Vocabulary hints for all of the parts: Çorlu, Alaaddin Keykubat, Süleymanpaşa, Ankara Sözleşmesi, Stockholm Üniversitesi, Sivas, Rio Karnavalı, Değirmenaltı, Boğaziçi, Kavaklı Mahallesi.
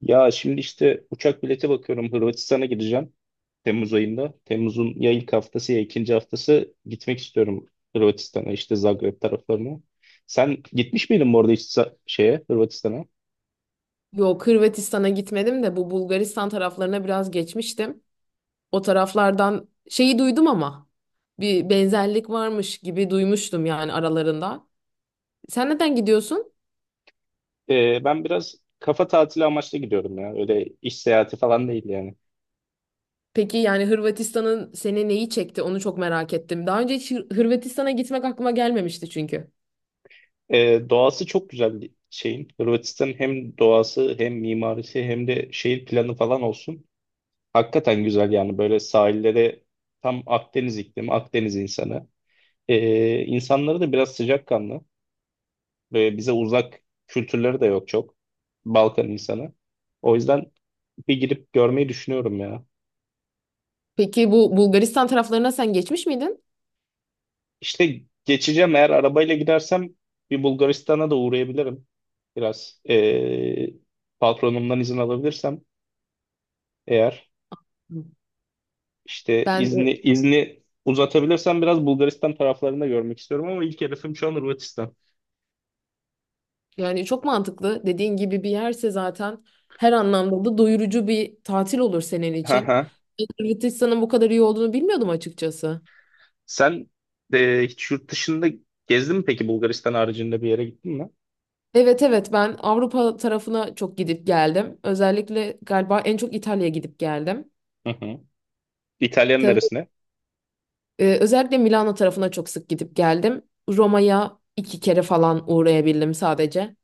Ya şimdi işte uçak bileti bakıyorum. Hırvatistan'a gideceğim. Temmuz ayında. Temmuz'un ya ilk haftası ya ikinci haftası gitmek istiyorum Hırvatistan'a işte Zagreb taraflarına. Sen gitmiş miydin bu arada hiç sa- şeye Hırvatistan'a? Yok, Hırvatistan'a gitmedim de bu Bulgaristan taraflarına biraz geçmiştim. O taraflardan şeyi duydum ama bir benzerlik varmış gibi duymuştum yani aralarında. Sen neden gidiyorsun? Ben biraz kafa tatili amaçlı gidiyorum ya. Öyle iş seyahati falan değil yani. Peki yani Hırvatistan'ın seni neyi çekti? Onu çok merak ettim. Daha önce hiç Hırvatistan'a gitmek aklıma gelmemişti çünkü. Doğası çok güzel bir şeyin. Hırvatistan'ın hem doğası hem mimarisi hem de şehir planı falan olsun. Hakikaten güzel yani böyle sahilleri tam Akdeniz iklimi, Akdeniz insanı. İnsanları da biraz sıcakkanlı ve bize uzak kültürleri de yok çok. Balkan insanı. O yüzden bir girip görmeyi düşünüyorum ya. Peki bu Bulgaristan taraflarına sen geçmiş miydin? İşte geçeceğim eğer arabayla gidersem bir Bulgaristan'a da uğrayabilirim. Biraz patronumdan izin alabilirsem eğer Hı. işte Ben. izni uzatabilirsem biraz Bulgaristan taraflarında görmek istiyorum ama ilk hedefim şu an Hırvatistan. Yani çok mantıklı. Dediğin gibi bir yerse zaten her anlamda da doyurucu bir tatil olur senin Hı için. hı. Hırvatistan'ın bu kadar iyi olduğunu bilmiyordum açıkçası. Sen hiç yurt dışında gezdin mi peki Bulgaristan haricinde bir yere gittin mi? Evet, evet, ben Avrupa tarafına çok gidip geldim. Özellikle galiba en çok İtalya'ya gidip geldim. Hı hı. İtalya'nın Tabii, neresine? Özellikle Milano tarafına çok sık gidip geldim. Roma'ya iki kere falan uğrayabildim sadece.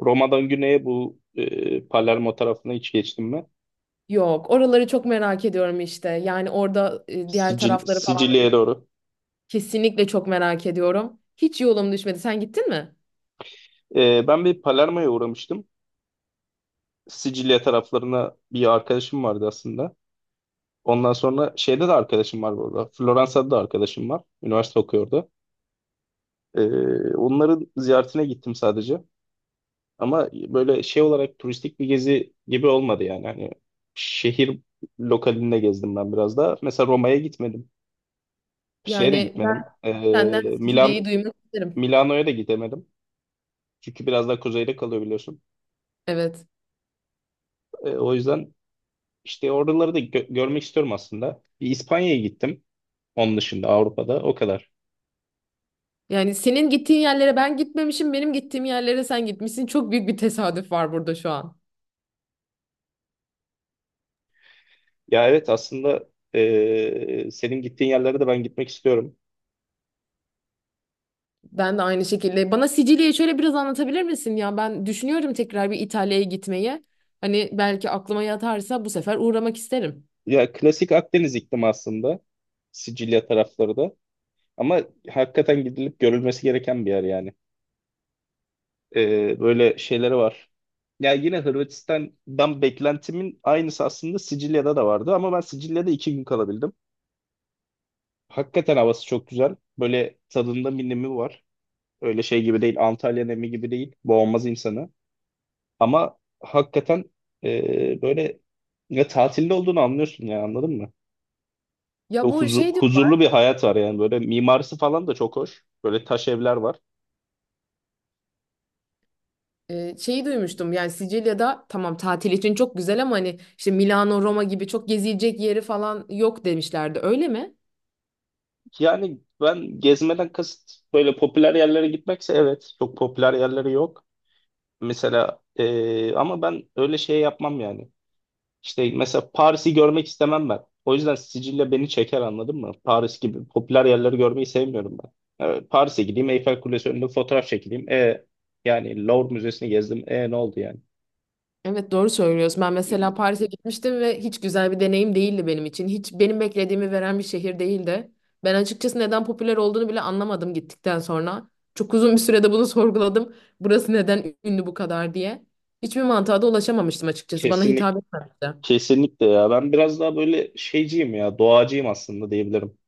Roma'dan güneye bu Palermo tarafına hiç geçtim mi? Yok, oraları çok merak ediyorum işte. Yani orada diğer tarafları falan Sicilya'ya doğru. kesinlikle çok merak ediyorum. Hiç yolum düşmedi. Sen gittin mi? Ben bir Palermo'ya uğramıştım. Sicilya taraflarına bir arkadaşım vardı aslında. Ondan sonra şeyde de arkadaşım var burada. Floransa'da da arkadaşım var. Üniversite okuyordu. E, onların ziyaretine gittim sadece. Ama böyle şey olarak turistik bir gezi gibi olmadı yani. Hani şehir lokalinde gezdim ben biraz da. Mesela Roma'ya gitmedim. Şeye de Yani ben gitmedim. Senden Sicilya'yı Milan duymak isterim. Milano'ya da gidemedim. Çünkü biraz daha kuzeyde kalıyor biliyorsun. Evet. O yüzden işte oraları da görmek istiyorum aslında. Bir İspanya'ya gittim. Onun dışında Avrupa'da o kadar. Yani senin gittiğin yerlere ben gitmemişim, benim gittiğim yerlere sen gitmişsin. Çok büyük bir tesadüf var burada şu an. Ya evet aslında senin gittiğin yerlere de ben gitmek istiyorum. Ben de aynı şekilde. Bana Sicilya'yı şöyle biraz anlatabilir misin ya? Ben düşünüyorum tekrar bir İtalya'ya gitmeyi. Hani belki aklıma yatarsa bu sefer uğramak isterim. Ya klasik Akdeniz iklimi aslında. Sicilya tarafları da. Ama hakikaten gidilip görülmesi gereken bir yer yani. Böyle şeyleri var. Ya yine Hırvatistan'dan beklentimin aynısı aslında Sicilya'da da vardı ama ben Sicilya'da iki gün kalabildim. Hakikaten havası çok güzel. Böyle tadında bir nemi var. Öyle şey gibi değil, Antalya nemi gibi değil. Boğmaz insanı. Ama hakikaten böyle ya tatilde olduğunu anlıyorsun ya anladın mı? Ya Böyle bu şey diyor. huzurlu bir hayat var yani böyle mimarisi falan da çok hoş. Böyle taş evler var. Şeyi duymuştum yani Sicilya'da tamam, tatil için çok güzel ama hani işte Milano, Roma gibi çok gezilecek yeri falan yok demişlerdi. Öyle mi? Yani ben gezmeden kasıt böyle popüler yerlere gitmekse evet çok popüler yerleri yok. Mesela ama ben öyle şey yapmam yani. İşte mesela Paris'i görmek istemem ben. O yüzden Sicilya beni çeker anladın mı? Paris gibi popüler yerleri görmeyi sevmiyorum ben. Paris'e gideyim Eyfel Kulesi önünde fotoğraf çekileyim. Yani Louvre Müzesi'ni gezdim. E ne oldu yani? Evet, doğru söylüyorsun. Ben mesela Paris'e gitmiştim ve hiç güzel bir deneyim değildi benim için. Hiç benim beklediğimi veren bir şehir değildi. Ben açıkçası neden popüler olduğunu bile anlamadım gittikten sonra. Çok uzun bir sürede bunu sorguladım. Burası neden ünlü bu kadar diye. Hiçbir mantığa da ulaşamamıştım açıkçası. Bana Kesinlikle. hitap etmemişti. Kesinlikle ya. Ben biraz daha böyle şeyciyim ya. Doğacıyım aslında diyebilirim.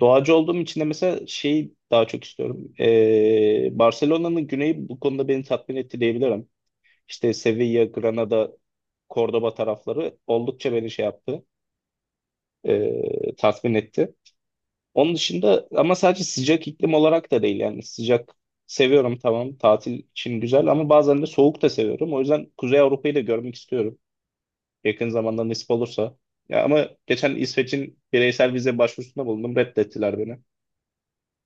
Doğacı olduğum için de mesela şeyi daha çok istiyorum. Barcelona'nın güneyi bu konuda beni tatmin etti diyebilirim. İşte Sevilla, Granada, Cordoba tarafları oldukça beni şey yaptı. Tatmin etti. Onun dışında ama sadece sıcak iklim olarak da değil yani sıcak seviyorum tamam tatil için güzel ama bazen de soğuk da seviyorum. O yüzden Kuzey Avrupa'yı da görmek istiyorum. Yakın zamanda nasip olursa. Ya ama geçen İsveç'in bireysel vize başvurusunda bulundum. Reddettiler beni.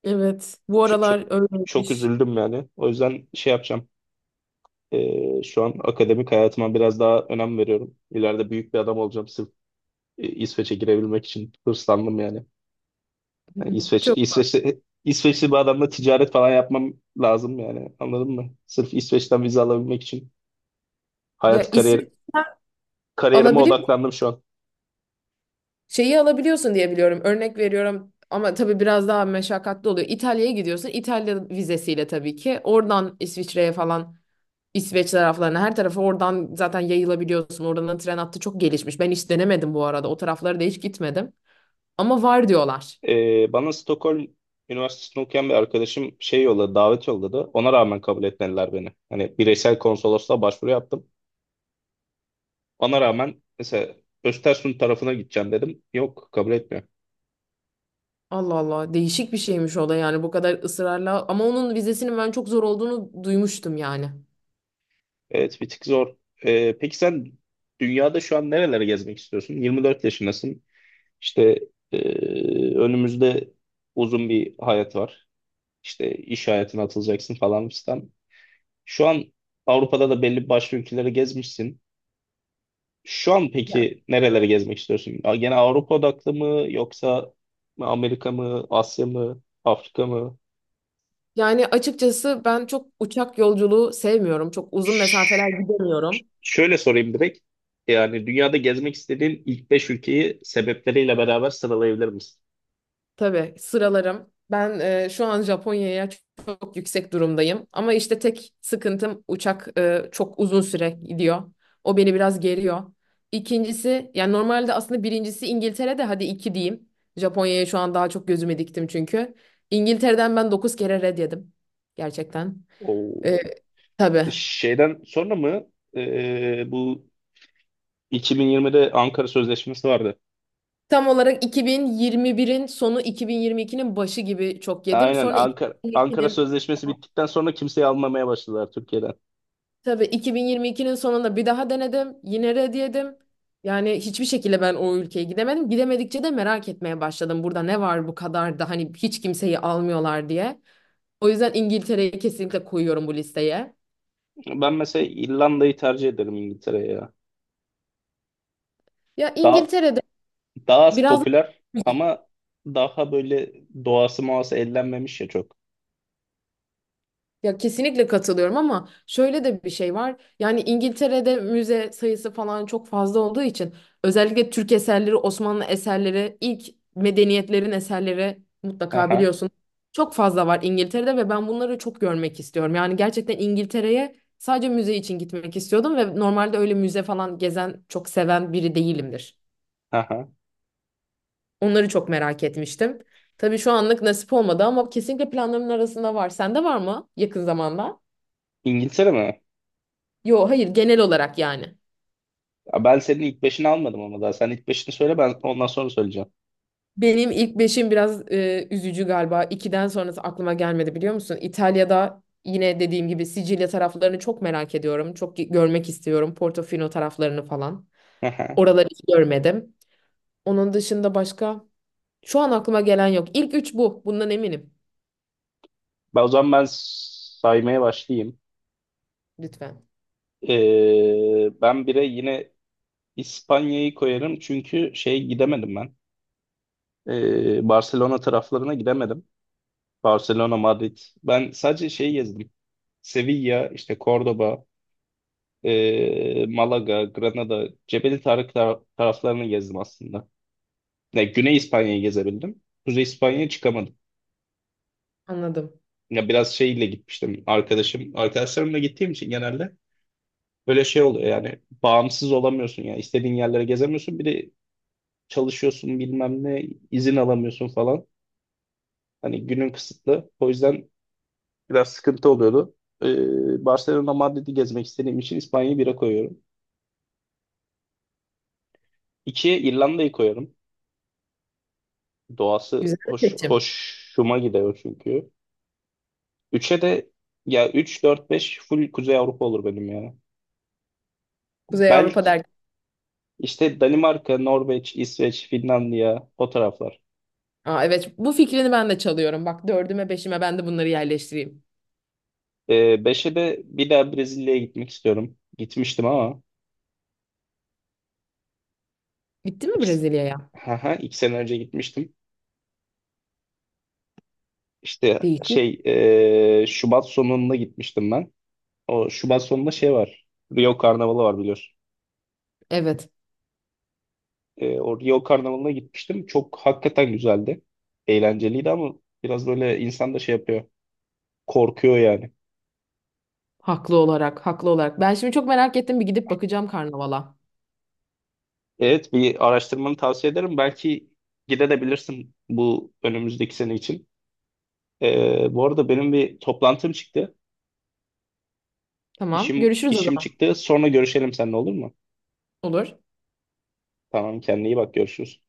Evet. Bu Çok, çok, aralar çok öyleymiş. üzüldüm yani. O yüzden şey yapacağım. Şu an akademik hayatıma biraz daha önem veriyorum. İleride büyük bir adam olacağım. Sırf İsveç'e girebilmek için hırslandım yani. Yani Çok İsveç'te İsveçli bir adamla ticaret falan yapmam lazım yani. Anladın mı? Sırf İsveç'ten vize alabilmek için ya, hayat İsveç kariyerime alabiliyor, odaklandım şu an. şeyi alabiliyorsun diye biliyorum. Örnek veriyorum ama tabii biraz daha meşakkatli oluyor. İtalya'ya gidiyorsun. İtalya vizesiyle tabii ki. Oradan İsviçre'ye falan, İsveç taraflarına, her tarafa oradan zaten yayılabiliyorsun. Oradan da tren hattı çok gelişmiş. Ben hiç denemedim bu arada. O taraflara da hiç gitmedim. Ama var diyorlar. Bana Stockholm Üniversitesi'nde okuyan bir arkadaşım şey yolladı, davet yolladı. Ona rağmen kabul etmediler beni. Hani bireysel konsolosluğa başvuru yaptım. Ona rağmen mesela Östersund tarafına gideceğim dedim. Yok, kabul etmiyor. Allah Allah, değişik bir şeymiş o da yani, bu kadar ısrarla, ama onun vizesinin ben çok zor olduğunu duymuştum yani. Evet, bir tık zor. Peki sen dünyada şu an nerelere gezmek istiyorsun? 24 yaşındasın. İşte ee, önümüzde uzun bir hayat var. İşte iş hayatına atılacaksın falan fistan. Şu an Avrupa'da da belli başka ülkeleri gezmişsin. Şu an peki nerelere gezmek istiyorsun? Gene Avrupa odaklı mı yoksa Amerika mı, Asya mı, Afrika mı? Yani açıkçası ben çok uçak yolculuğu sevmiyorum. Çok uzun mesafeler Ş- gidemiyorum. Şöyle sorayım direkt. Yani dünyada gezmek istediğin ilk 5 ülkeyi sebepleriyle beraber sıralayabilir misin? Tabii, sıralarım. Ben şu an Japonya'ya çok, çok yüksek durumdayım. Ama işte tek sıkıntım uçak, çok uzun süre gidiyor. O beni biraz geriyor. İkincisi yani, normalde aslında birincisi İngiltere'de, hadi iki diyeyim. Japonya'ya şu an daha çok gözüme diktim çünkü. İngiltere'den ben 9 kere red yedim. Gerçekten. O E, Tabii. şeyden sonra mı bu 2020'de Ankara Sözleşmesi vardı. Tam olarak 2021'in sonu, 2022'nin başı gibi çok yedim. Aynen Sonra Ankara 2022'nin Sözleşmesi bittikten sonra kimseyi almamaya başladılar Türkiye'den. Tabii, 2022'nin sonunda bir daha denedim. Yine red yedim. Yani hiçbir şekilde ben o ülkeye gidemedim. Gidemedikçe de merak etmeye başladım. Burada ne var bu kadar da, hani hiç kimseyi almıyorlar diye. O yüzden İngiltere'yi kesinlikle koyuyorum bu listeye. Ben mesela İrlanda'yı tercih ederim İngiltere'ye ya. Ya Daha İngiltere'de Daha az biraz popüler ama daha böyle doğası muası ellenmemiş ya çok. Ya kesinlikle katılıyorum ama şöyle de bir şey var. Yani İngiltere'de müze sayısı falan çok fazla olduğu için özellikle Türk eserleri, Osmanlı eserleri, ilk medeniyetlerin eserleri mutlaka Aha, biliyorsun. Çok fazla var İngiltere'de ve ben bunları çok görmek istiyorum. Yani gerçekten İngiltere'ye sadece müze için gitmek istiyordum ve normalde öyle müze falan gezen, çok seven biri değilimdir. aha. Onları çok merak etmiştim. Tabii şu anlık nasip olmadı ama kesinlikle planlarımın arasında var. Sende var mı yakın zamanda? İngiltere mi? Yo hayır, genel olarak yani. Ya ben senin ilk beşini almadım ama daha. Sen ilk beşini söyle ben ondan sonra söyleyeceğim. Benim ilk beşim biraz üzücü galiba. İkiden sonrası aklıma gelmedi biliyor musun? İtalya'da yine dediğim gibi Sicilya taraflarını çok merak ediyorum. Çok görmek istiyorum. Portofino taraflarını falan. Aha. Oraları hiç görmedim. Onun dışında başka şu an aklıma gelen yok. İlk üç bu. Bundan eminim. Ben o zaman saymaya başlayayım. Lütfen. Ben bire yine İspanya'yı koyarım çünkü şey gidemedim ben. Barcelona taraflarına gidemedim. Barcelona, Madrid. Ben sadece şey gezdim. Sevilla, işte Cordoba, Malaga, Granada, Cebeli Tarık taraflarını gezdim aslında. Ya, Güney İspanya'yı gezebildim. Kuzey İspanya'ya çıkamadım. Anladım. Ya biraz şeyle gitmiştim arkadaşım. Arkadaşlarımla gittiğim için genelde böyle şey oluyor yani bağımsız olamıyorsun ya. İstediğin yerlere gezemiyorsun. Bir de çalışıyorsun bilmem ne izin alamıyorsun falan. Hani günün kısıtlı. O yüzden biraz sıkıntı oluyordu. Barcelona, Madrid'i gezmek istediğim için İspanya'yı bire koyuyorum. İkiye İrlanda'yı koyuyorum. Güzel Doğası bir hoş, seçim. hoşuma gidiyor çünkü. Üçe de ya 3 4 5 full Kuzey Avrupa olur benim ya. Kuzey Avrupa Belki derken. işte Danimarka, Norveç, İsveç, Finlandiya o taraflar. Aa, evet, bu fikrini ben de çalıyorum. Bak, dördüme beşime ben de bunları yerleştireyim. Ee, 5'e de bir daha Brezilya'ya gitmek istiyorum. Gitmiştim ama Gitti mi iki, Brezilya'ya? İki sene önce gitmiştim. İşte Değişik. Şubat sonunda gitmiştim ben. O Şubat sonunda şey var. Rio Karnavalı var biliyorsun. Evet. O Rio Karnavalı'na gitmiştim. Çok hakikaten güzeldi. Eğlenceliydi ama biraz böyle insan da şey yapıyor. Korkuyor yani. Haklı olarak, haklı olarak. Ben şimdi çok merak ettim. Bir gidip bakacağım karnavala. Evet bir araştırmanı tavsiye ederim. Belki gidebilirsin bu önümüzdeki sene için. Bu arada benim bir toplantım çıktı. Tamam. Görüşürüz o İşim zaman. çıktı. Sonra görüşelim seninle olur mu? Olur. Tamam kendine iyi bak görüşürüz.